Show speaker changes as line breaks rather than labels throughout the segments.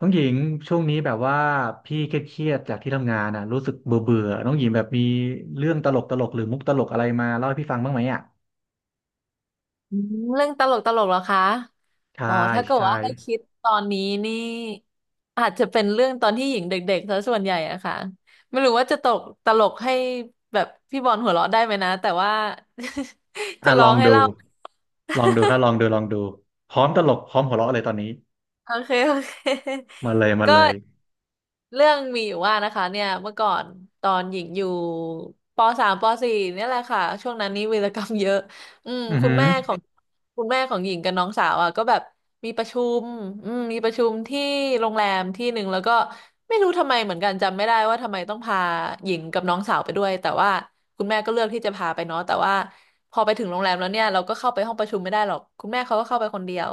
น้องหญิงช่วงนี้แบบว่าพี่เครียดๆจากที่ทำงานอ่ะรู้สึกเบื่อเบื่อน้องหญิงแบบมีเรื่องตลกตลกหรือมุกตลกอะไรมาเล่าให้พี่ฟังบ้างไหมอ่ะ
อืมเรื่องตลกตลกเหรอคะ
ใช่
อ๋อถ้าเกิด
ใช่
ว่าให้คิดตอนนี้นี่อาจจะเป็นเรื่องตอนที่หญิงเด็กๆซะส่วนใหญ่อะค่ะไม่รู้ว่าจะตกตลกให้แบบพี่บอลหัวเราะได้ไหมนะ แต่ว่า จะ
อ่ะ
ล
ล
อ
อ
ง
ง
ให้
ดู
เล่า
ลองดูครับลองดูลองดูพร้อมตลกพร้อมหัวเราะเลยตอนนี้
โอเคโอเค
มาเลยมา
ก็
เลย
เรื่องมีอยู่ว่านะคะเนี่ยเมื่อก่อนตอนหญิงอยู่ปสามปสี่เนี่ยแหละค่ะช่วงนั้นนี่วีรกรรมเยอะอืม
อือ
คุณ
หือ
แม่ของคุณแม่ของหญิงกับน้องสาวอ่ะก็แบบมีประชุมมีประชุมที่โรงแรมที่หนึ่งแล้วก็ไม่รู้ทำไมเหมือนกันจำไม่ได้ว่าทำไมต้องพาหญิงกับน้องสาวไปด้วยแต่ว่าคุณแม่ก็เลือกที่จะพาไปเนาะแต่ว่าพอไปถึงโรงแรมแล้วเนี่ยเราก็เข้าไปห้องประชุมไม่ได้หรอกคุณแม่เขาก็เข้าไปคนเดียว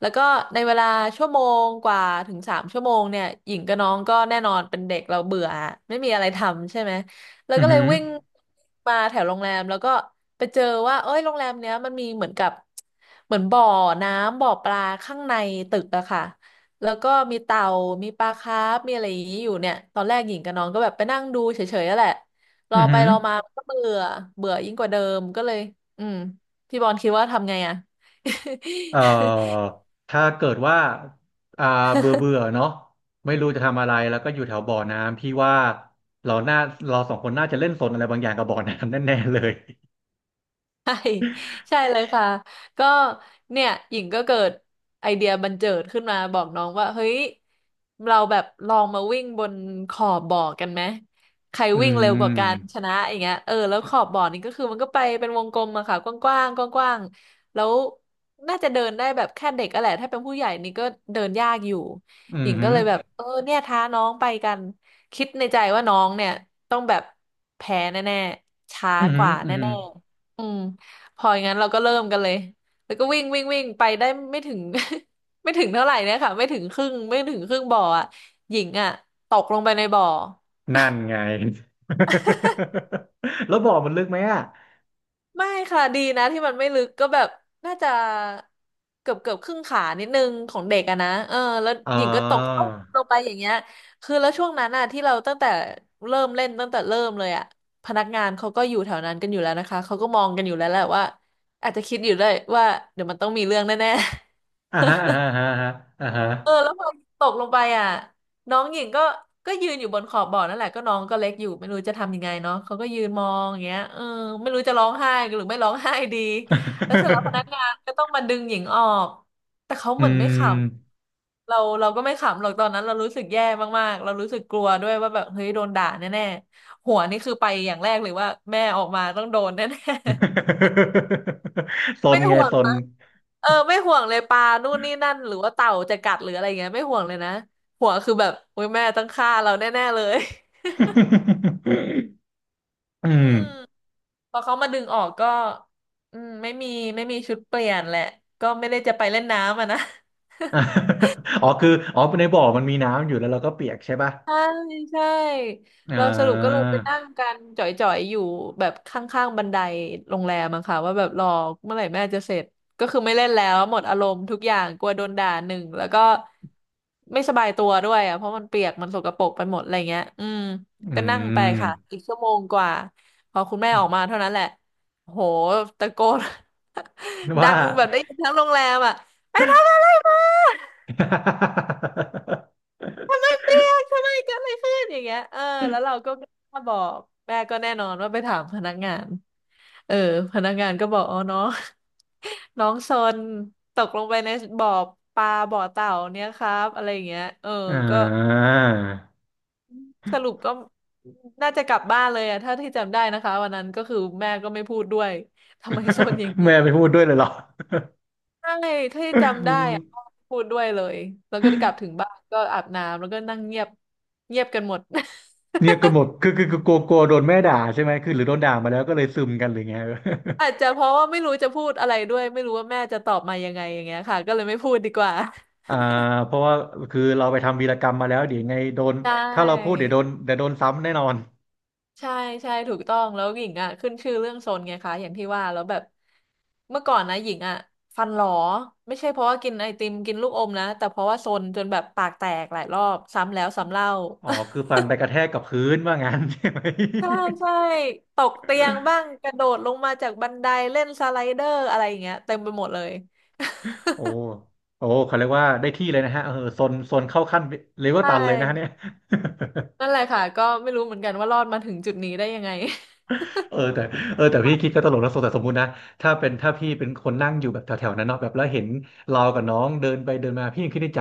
แล้วก็ในเวลาชั่วโมงกว่าถึงสามชั่วโมงเนี่ยหญิงกับน้องก็แน่นอนเป็นเด็กเราเบื่ออะไม่มีอะไรทำใช่ไหมแล้ว
อือ
ก็เล
หื
ย
อ
วิ่งมาแถวโรงแรมแล้วก็ไปเจอว่าเอ้ยโรงแรมเนี้ยมันมีเหมือนกับเหมือนบ่อน้ำบ่อปลาข้างในตึกอะค่ะแล้วก็มีเต่ามีปลาคาร์ฟมีอะไรอย่างนี้อยู่เนี่ยตอนแรกหญิงกับน้องก็แบบไปนั่งดูเฉยๆนั่นแหละร
อื
อ
อ
ไป
หือ
รอมาก็เบื่อเบื่อยิ่งกว่าเดิมก็เลยอืมพี่บอลคิดว่าทำไงอะ
เอ่ อถ้าเกิดว่าอ่าเบื่อเบื่อเนาะไม่รู้จะทำอะไรแล้วก็อยู่แถวบ่อน้ำพี่ว่าเราน่าเราสองคนน่าจะเล่นสนอะไรบางอย่างกับบ่อน้ำ แน่ๆเลย
ใช่ใช่เลยค่ะก็เนี่ยหญิงก็เกิดไอเดียบันเจิดขึ้นมาบอกน้องว่าเฮ้ยเราแบบลองมาวิ่งบนขอบบ่อกันไหมใคร
อื
วิ่งเร็วกว่ากัน
ม
ชนะอย่างเงี้ยเออแล้วขอบบ่อนี่ก็คือมันก็ไปเป็นวงกลมอะค่ะกว้างๆกว้างๆแล้วน่าจะเดินได้แบบแค่เด็กอะแหละถ้าเป็นผู้ใหญ่นี่ก็เดินยากอยู่
อื
หญิ
อ
งก็
หือ
เลยแบบเออเนี่ยท้าน้องไปกันคิดในใจว่าน้องเนี่ยต้องแบบแพ้แน่ๆช้า
อือ
ก
หือ
ว่า
อือหือ
แน่ๆพออย่างนั้นเราก็เริ่มกันเลยแล้วก็วิ่งวิ่งวิ่งไปได้ไม่ถึง ไม่ถึงเท่าไหร่เนี่ยค่ะไม่ถึงครึ่งไม่ถึงครึ่งบ่ออ่ะหญิงอ่ะตกลงไปในบ่อ
นั่นไง แล้วบ่อมันลึกไหมอ่ะ
ไม่ค่ะดีนะที่มันไม่ลึกก็แบบน่าจะเกือบเกือบครึ่งขานิดนึงของเด็กอะนะเออแล้ว
อ๋อ
หญิงก็ตกตุ๊บลงไปอย่างเงี้ยคือแล้วช่วงนั้นอะที่เราตั้งแต่เริ่มเล่นตั้งแต่เริ่มเลยอะพนักงานเขาก็อยู่แถวนั้นกันอยู่แล้วนะคะเขาก็มองกันอยู่แล้วแหละว่าอาจจะคิดอยู่ด้วยว่าเดี๋ยวมันต้องมีเรื่องแน่
อ่าฮะอ่าฮะอ่าฮะอ่าฮะ
เออแล้วพอตกลงไปอ่ะน้องหญิงก็ยืนอยู่บนขอบบ่อนั่นแหละก็น้องก็เล็กอยู่ไม่รู้จะทำยังไงเนาะเขาก็ยืนมองอย่างเงี้ยเออไม่รู้จะร้องไห้หรือไม่ร้องไห้ดีแล้วเสร็จแล้วพนัก งานก็ต้องมาดึงหญิงออกแต่เขา
อื
เหมือ
ม
นไม่ขำเราก็ไม่ขำหรอกตอนนั้นเรารู้สึกแย่มากๆเรารู้สึกกลัวด้วยว่าแบบเฮ้ยโดนด่าแน่ๆหัวนี่คือไปอย่างแรกเลยว่าแม่ออกมาต้องโดนแน่
ซ
ไม่
นไง
ห่วง
ซน
มัเออไม่ห่วงเลยปลานู่นนี่นั่นหรือว่าเต่าจะกัดหรืออะไรเงี้ยไม่ห่วงเลยนะห่วงคือแบบโอ้ยแม่ต้องฆ่าเราแน่ๆเลย
อื
อื
ม
มพอเขามาดึงออกก็อืมไม่มีไม่มีชุดเปลี่ยนแหละก็ไม่ได้จะไปเล่นน้ำอ่ะนะ
อ๋อคือ อ๋อในบ่อมันมีน้ำอยู่แล้วเราก็เปียกใช่ป่ะ
ใช่ใช่
อ่
เราสรุปก็เลย
า
ไปนั่งกันจ่อยๆอยู่แบบข้างๆบันไดโรงแรมอะค่ะว่าแบบรอเมื่อไหร่แม่จะเสร็จก็คือไม่เล่นแล้วหมดอารมณ์ทุกอย่างกลัวโดนด่าหนึ่งแล้วก็ไม่สบายตัวด้วยอะเพราะมันเปียกมันสกปรกไปหมดอะไรเงี้ย
อื
ก็นั่งไป
ม
ค่ะอีกชั่วโมงกว่าพอคุณแม่ออกมาเท่านั้นแหละโหตะโกน ดั
ว่า
งแบบได้ยินทั้งโรงแรมอะไปทำอะไรมา ทำไม เปรี้ยงทำไมเกิดอะไรขึ้นอย่างเงี้ยเออแล้วเราก็กล้าบอกแม่ก็แน่นอนว่าไปถามพนักงานเออพนักงานก็บอกอ๋อน้อง น้องซนตกลงไปในบ่อปลาบ่อเต่าเนี่ยครับอะไรอย่างเงี้ยเออ
อ่า
ก็สรุปก็น่าจะกลับบ้านเลยอะถ้าที่จำได้นะคะวันนั้นก็คือแม่ก็ไม่พูดด้วยทำไมซนอย่าง นี้
แม่ไปพูดด้วยเลยเหรอ
ใช่ที่จำได้อะพูดด้วยเลยแล้วก็กลับถึงบ้านก็อาบน้ำแล้วก็นั่งเงียบเงียบกันหมด
เนี่ยก็หมดคือกลัวกลัวโดนแม่ด่าใช่ไหมคือหรือโดนด่ามาแล้วก็เลยซึมกันหรือไง
อาจจะเพราะว่าไม่รู้จะพูดอะไรด้วยไม่รู้ว่าแม่จะตอบมายังไงอย่างเงี้ยค่ะก็เลยไม่พูดดีกว่า
อ่าเพราะว่าคือเราไปทำวีรกรรมมาแล้วเดี๋ยวยังไงโดน
ใช
ถ้าเราพูด
่
เดี๋ยวโดนเดี๋ยวโดนซ้ำแน่นอน
ใช่ใช่ถูกต้องแล้วหญิงอ่ะขึ้นชื่อเรื่องโซนไงคะอย่างที่ว่าแล้วแบบเมื่อก่อนนะหญิงอ่ะฟันหลอไม่ใช่เพราะว่ากินไอติมกินลูกอมนะแต่เพราะว่าโซนจนแบบปากแตกหลายรอบซ้ำแล้วซ้ำเล่า
อ๋อคือฟันไปกระแทกกับพื้นว่างั้น ใช่ไหม
ใช่ใช่ตกเตียงบ้างกระโดดลงมาจากบันไดเล่นสไลเดอร์อะไรอย่างเงี้ยเต็มไปหมดเลย
โอ้โอ้เขาเรียกว่าได้ที่เลยนะฮะเออโซนโซนเข้าขั้น เลเวล
ใช
ตันเลยนะฮะเนี่ย
่ นั่นแหละค่ะก็ไม่รู้เหมือนกันว่ารอดมาถึงจุดนี้ได้ยังไง
เออแต่เออแต่พี่คิดก็ตลกนะสมแต่สมมุตินะถ้าเป็นถ้าพี่เป็นคนนั่งอยู่แบบแถวๆนั้นเนาะแบบแล้วเห็นเรากับน้องเดินไปเดินมาพี่ยังคิดในใจ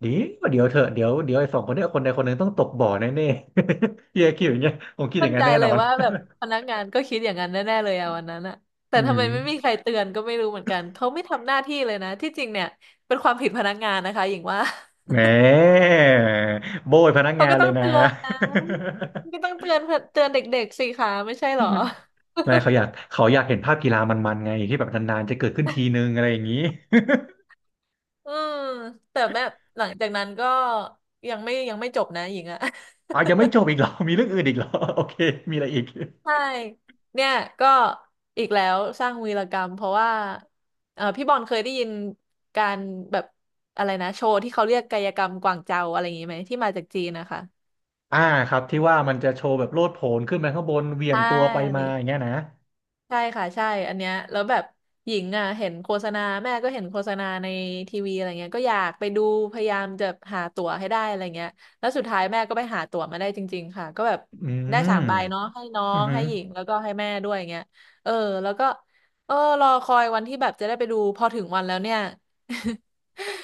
เดียวเดี๋ยวเถอะเดี๋ยวเดี๋ยวไอ้สองคนเนี้ยคนใดคนหนึ่งต้องตกบ่อแน่ๆ พี่ก็คิดอย่างเงี้ยผมคิดอ
มั่
ย่า
น
งนั้
ใจ
นแน่
เล
นอ
ย
น
ว่าแบบพนักงานก็คิดอย่างนั้นแน่ๆเลยอะวันนั้นอะแต่
อื
ทำไม
ม
ไม่มีใครเตือนก็ไม่รู้เหมือนกันเขาไม่ทำหน้าที่เลยนะที่จริงเนี่ยเป็นความผิดพนักงานนะคะหญิงว่า
แหมโบยพนั ก
เขา
งา
ก็
น
ต้
เล
อ
ย
ง
นะ
เตือนนะก็ต้องเตือนเด็กๆสิคะไม่ใช่เหรอ
ไม่เขาอยากเขาอยากเห็นภาพกีฬามันๆไงที่แบบนานๆจะเกิดขึ้นทีนึงอะไรอย่างนี้
อืมแต่แบบหลังจากนั้นก็ยังไม่จบนะหญิงอะ
อ๋อยังไม่จบอีกเหรอมีเรื่องอื่นอีกเหรอ โอเคมีอะไรอีก
ใช่ เนี่ยก็อีกแล้วสร้างวีรกรรมเพราะว่าเออพี่บอลเคยได้ยินการแบบอะไรนะโชว์ที่เขาเรียกกายกรรมกวางเจาอะไรอย่างนี้ไหมที่มาจากจีนนะคะ
อ่าครับที่ว่ามันจะโชว์แบบโลดโผนขึ้นไปข้างบนเหวี่ยง
ใช่
ตัวไปมาอย่างเงี้ยนะ
ใช่ค่ะใช่อันเนี้ยแล้วแบบหญิงอ่ะเห็นโฆษณาแม่ก็เห็นโฆษณาในทีวีอะไรเงี้ยก็อยากไปดูพยายามจะหาตั๋วให้ได้อะไรเงี้ยแล้วสุดท้ายแม่ก็ไปหาตั๋วมาได้จริงๆค่ะก็แบบ
อื
ได้
ม
สามใบเนาะให้น้อ
อือ
ง
หือ
ให้หญิงแล้วก็ให้แม่ด้วยเงี้ยเออแล้วก็เออรอคอยวันที่แบบจะได้ไปดูพอถึงวันแล้วเนี่ย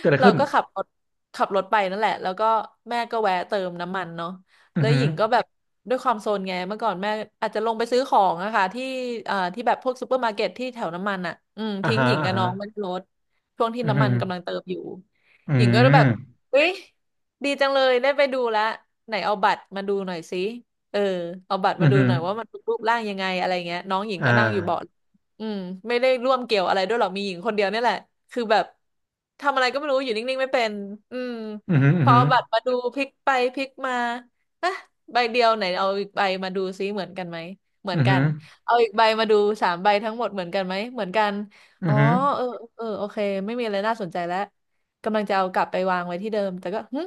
เกิดอะไร
เรา
ขึ้น
ก็ขับรถขับรถไปนั่นแหละแล้วก็แม่ก็แวะเติมน้ำมันเนาะ
อื
แล้
อ
ว
หื
ห
อ
ญิงก็แบบด้วยความโซนไงเมื่อก่อนแม่อาจจะลงไปซื้อของอะค่ะที่ที่แบบพวกซูเปอร์มาร์เก็ตที่แถวน้ำมันอะอืม
อ่า
ทิ้ง
ฮะ
หญิง
อ่า
กับ
ฮะ
น้องไว้ในรถช่วงที่
อือ
น้ำ
หื
มัน
อ
กำลังเติมอยู่
อื
หญิงก็แบบ
ม
เฮ้ยดีจังเลยได้ไปดูแล้วไหนเอาบัตรมาดูหน่อยสิเออเอาบัตร
อื
มา
อ
ดู
หือ
หน่อยว่ามันรูปร่างยังไงอะไรเงี้ยน้องหญิง
อ่
ก็นั่งอยู่เบาะ
า
อืมไม่ได้ร่วมเกี่ยวอะไรด้วยหรอกมีหญิงคนเดียวเนี่ยแหละคือแบบทำอะไรก็ไม่รู้อยู่นิ่งๆไม่เป็นอืม
อือหืออื
พ
อ
อ
หือ
เอาบัตรมาดูพลิกไปพลิกมา อ่ะใบเดียวไหนเอาอีกใบมาดูซิเหมือนกันไหมเหมือ
อื
น
อ
กั
หื
น
อ
เอาอีกใบมาดูสามใบทั้งหมดเหมือนกันไหมเหมือนกัน
อื
อ๋อ
อหือ
เออเออโอเคไม่มีอะไรน่าสนใจแล้วกำลังจะเอากลับไปวางไว้ที่เดิมแต่ก็หึ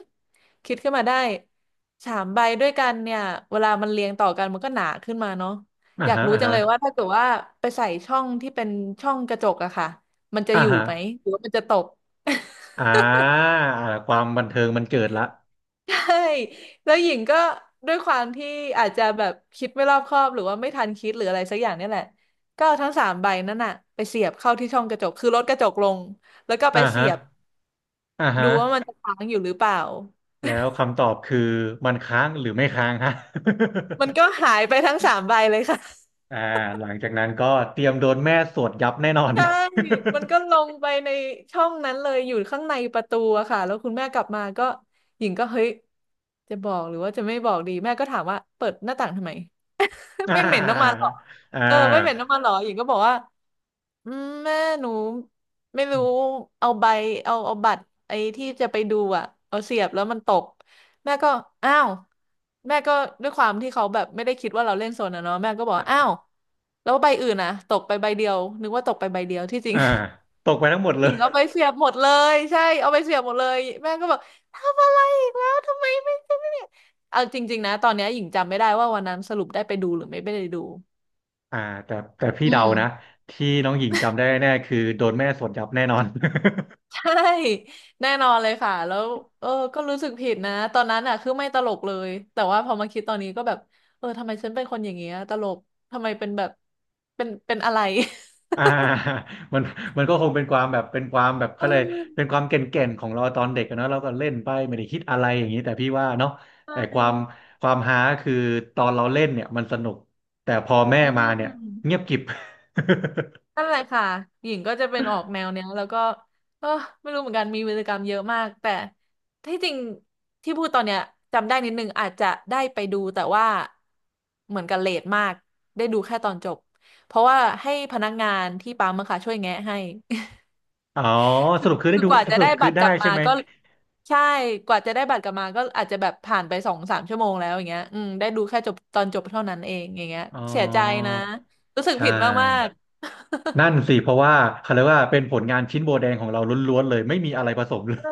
คิดขึ้นมาได้สามใบด้วยกันเนี่ยเวลามันเรียงต่อกันมันก็หนาขึ้นมาเนาะ
อ่า
อยาก
ฮะ
รู้
อ่า
จัง
ฮะ
เลยว่าถ้าเกิดว่าไปใส่ช่องที่เป็นช่องกระจกอะค่ะมันจะ
อ่า
อยู่
ฮะ
ไหมหรือว่ามันจะตก
อ่าอ่าความบันเทิงมันเกิดละ
ใช่แล้วหญิงก็ด้วยความที่อาจจะแบบคิดไม่รอบคอบหรือว่าไม่ทันคิดหรืออะไรสักอย่างเนี่ยแหละก็เอาทั้งสามใบนั่นน่ะไปเสียบเข้าที่ช่องกระจกคือลดกระจกลงแล้วก็ไป
อ่า
เสี
ฮะ
ยบ
อ่าฮะ
ดูว่ามันจะค้างอยู่หรือเปล่า
แล้วคำตอบคือมันค้างหรือไม่ค้างฮะ
มันก็ หายไปทั้งสามใบเลยค่ะ
อ่าหลังจากนั้นก็เตรียมโดนแม่สวดยับแน่นอน
ใช่มันก็ ลงไปในช่องนั้นเลยอยู่ข้างในประตูอะค่ะแล้วคุณแม่กลับมาก็หญิงก็เฮ้ยจะบอกหรือว่าจะไม่บอกดีแม่ก็ถามว่าเปิดหน้าต่างทำไม
อ่
ไม่เหม็นน้ำมันห
า
รอ
อ่
เออไม่เหม็น
า
น้ำมันหรอหญิงก็บอกว่า อืมแม่หนูไม่รู้เอาใบเอาบัตรไอ้ที่จะไปดูอ่ะเอาเสียบแล้วมันตกแม่ก็อ้าวแม่ก็ด้วยความที่เขาแบบไม่ได้คิดว่าเราเล่นโซนอะเนาะแม่ก็บอกอ้าวแล้วใบอื่นอะตกไปใบเดียวนึกว่าตกไปใบเดียวที่จริง
อ่าตกไปทั้งหมด เล
หญิ
ย
งเอาไปเสียบหมดเลยใช่เอาไปเสียบหมดเลยแม่ก็บอกทำอะไรอีกแล้วทำไมไม่ไ่ยเอาจริงๆนะตอนเนี้ยหญิงจำไม่ได้ว่าวันนั้นสรุปได้ไปดูหรือไม่ไปได้ดู
อ่าแต่แต่พี่
อื
เดานะ
ม
ที่น้องหญิงจำได้แน่คือโดนแม่สวดยับแน่นอน
ใช่ แน่นอนเลยค่ะแล้วเออก็รู้สึกผิดนะตอนนั้นอ่ะคือไม่ตลกเลยแต่ว่าพอมาคิดตอนนี้ก็แบบเออทำไมฉันเป็นคนอย่างเงี้ยตลกทำไมเป็นแบบเป็นอะไร
อ่ามันมันก็คงเป็นความแบบเป็นความแบบ
เอ
เขาเลยเป็นค
อ
วามเก่นๆของเราตอนเด็กอะเนอะเราก็เล่นไปไม่ได้คิดอะไรอย่างนี้แต่พี่ว่าเนาะ
ใช
แต่ความ
่
ความฮาคือตอนเราเล่นเนี่ยมันสนุกแต่พอแม่
อื
มาเนี่ย
ม
เงียบกริบ
นั่นแหละค่ะหญิงก็จะเป็นออกแนวเนี้ยแล้วก็เออไม่รู้เหมือนกันมีวีรกรรมเยอะมากแต่ที่จริงที่พูดตอนเนี้ยจำได้นิดนึงอาจจะได้ไปดูแต่ว่าเหมือนกับเลทมากได้ดูแค่ตอนจบเพราะว่าให้พนักงานที่ปั๊มอะค่ะช่วยแงะให้
อ๋อ
คื
ส
อ
รุปคือได้
คือ
ดู
กว่าจะ
สรุ
ได้
ปคื
บั
อ
ตรก
ได้
ลับ
ใช่
มา
ไหม
ก็ใช่กว่าจะได้บัตรกลับมาก็อาจจะแบบผ่านไปสองสามชั่วโมงแล้วอย่างเงี้ยอืมได้ดูแค่จบตอนจบเท่านั้นเองอย่างเงี้ย
อ๋อ
เสียใจนะรู้สึก
ใช
ผิดมาก
่
ๆ
นั่นสิเพราะว่าเขาเรียกว่าเป็นผลงานชิ้นโบแดงของเราล้วนๆเลยไม่มีอะไรผสมเลย
เออ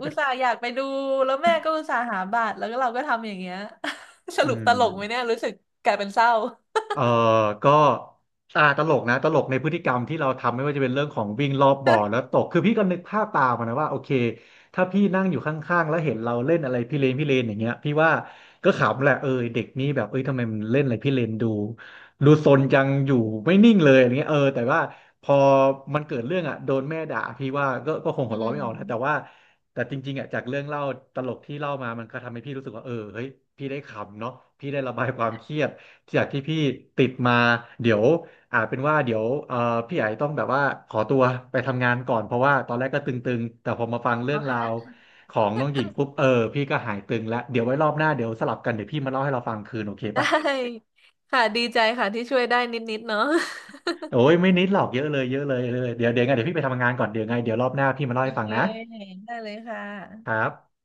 อุตส่าห์อยากไปดู แล้วแม่ก็อุตส่าห์หาบัตรแล้วก็เราก็ทำอย่างเงี้ย ส
อื
รุปต
ม
ลกไหมเนี่ย รู้สึกกลายเป็นเศร้า
เออก็อ่าตลกนะตลกในพฤติกรรมที่เราทำไม่ว่าจะเป็นเรื่องของวิ่งรอบบ่อแล้วตกคือพี่ก็นึกภาพตามอะนะว่าโอเคถ้าพี่นั่งอยู่ข้างๆแล้วเห็นเราเล่นอะไรพี่เลนพี่เลนอย่างเงี้ยพี่ว่าก็ขำแหละเออเด็กนี้แบบเอ้ยทำไมมันเล่นอะไรพี่เลนดูดูซนจังอยู่ไม่นิ่งเลยอย่างเงี้ยเออแต่ว่าพอมันเกิดเรื่องอ่ะโดนแม่ด่าพี่ว่าก็ก็คงหั
อื
วเราะไม่
ม
ออกนะแต่ว่าแต่จริงๆอ่ะจากเรื่องเล่าตลกที่เล่ามามันก็ทำให้พี่รู้สึกว่าเออเฮ้ยพี่ได้ขำเนาะพี่ได้ระบายความเครียด จากที่พี่ติดมาเดี๋ยวอาจเป็นว่าเดี๋ยวพี่ไอต้องแบบว่าขอตัวไปทำงานก่อนเพราะว่าตอนแรกก็ตึงๆแต่พอมาฟัง เรื่
โอ
องราว
เค
ของน้องหญิงปุ๊บเออพี่ก็หายตึงแล้วเดี๋ยวไว้รอบหน้าเดี๋ยวสลับกันเดี๋ยวพี่มาเล่าให้เราฟังคืนโอเค
ได
ป่ะ
้ค่ะดีใจค่ะที่ช่วยได้นิดๆเนาะ
โอ้ยไม่นิดหรอกเยอะเลยเยอะเลยเยอะเลยเดี๋ยวเดี๋ยวไงเดี๋ยวพี่ไปทำงานก่อนเดี๋ยวไงเดี๋ยวรอบหน้าพี่มาเล่า
โอ
ให้ฟัง
เค
นะ
ได้เลยค่ะ
ครับ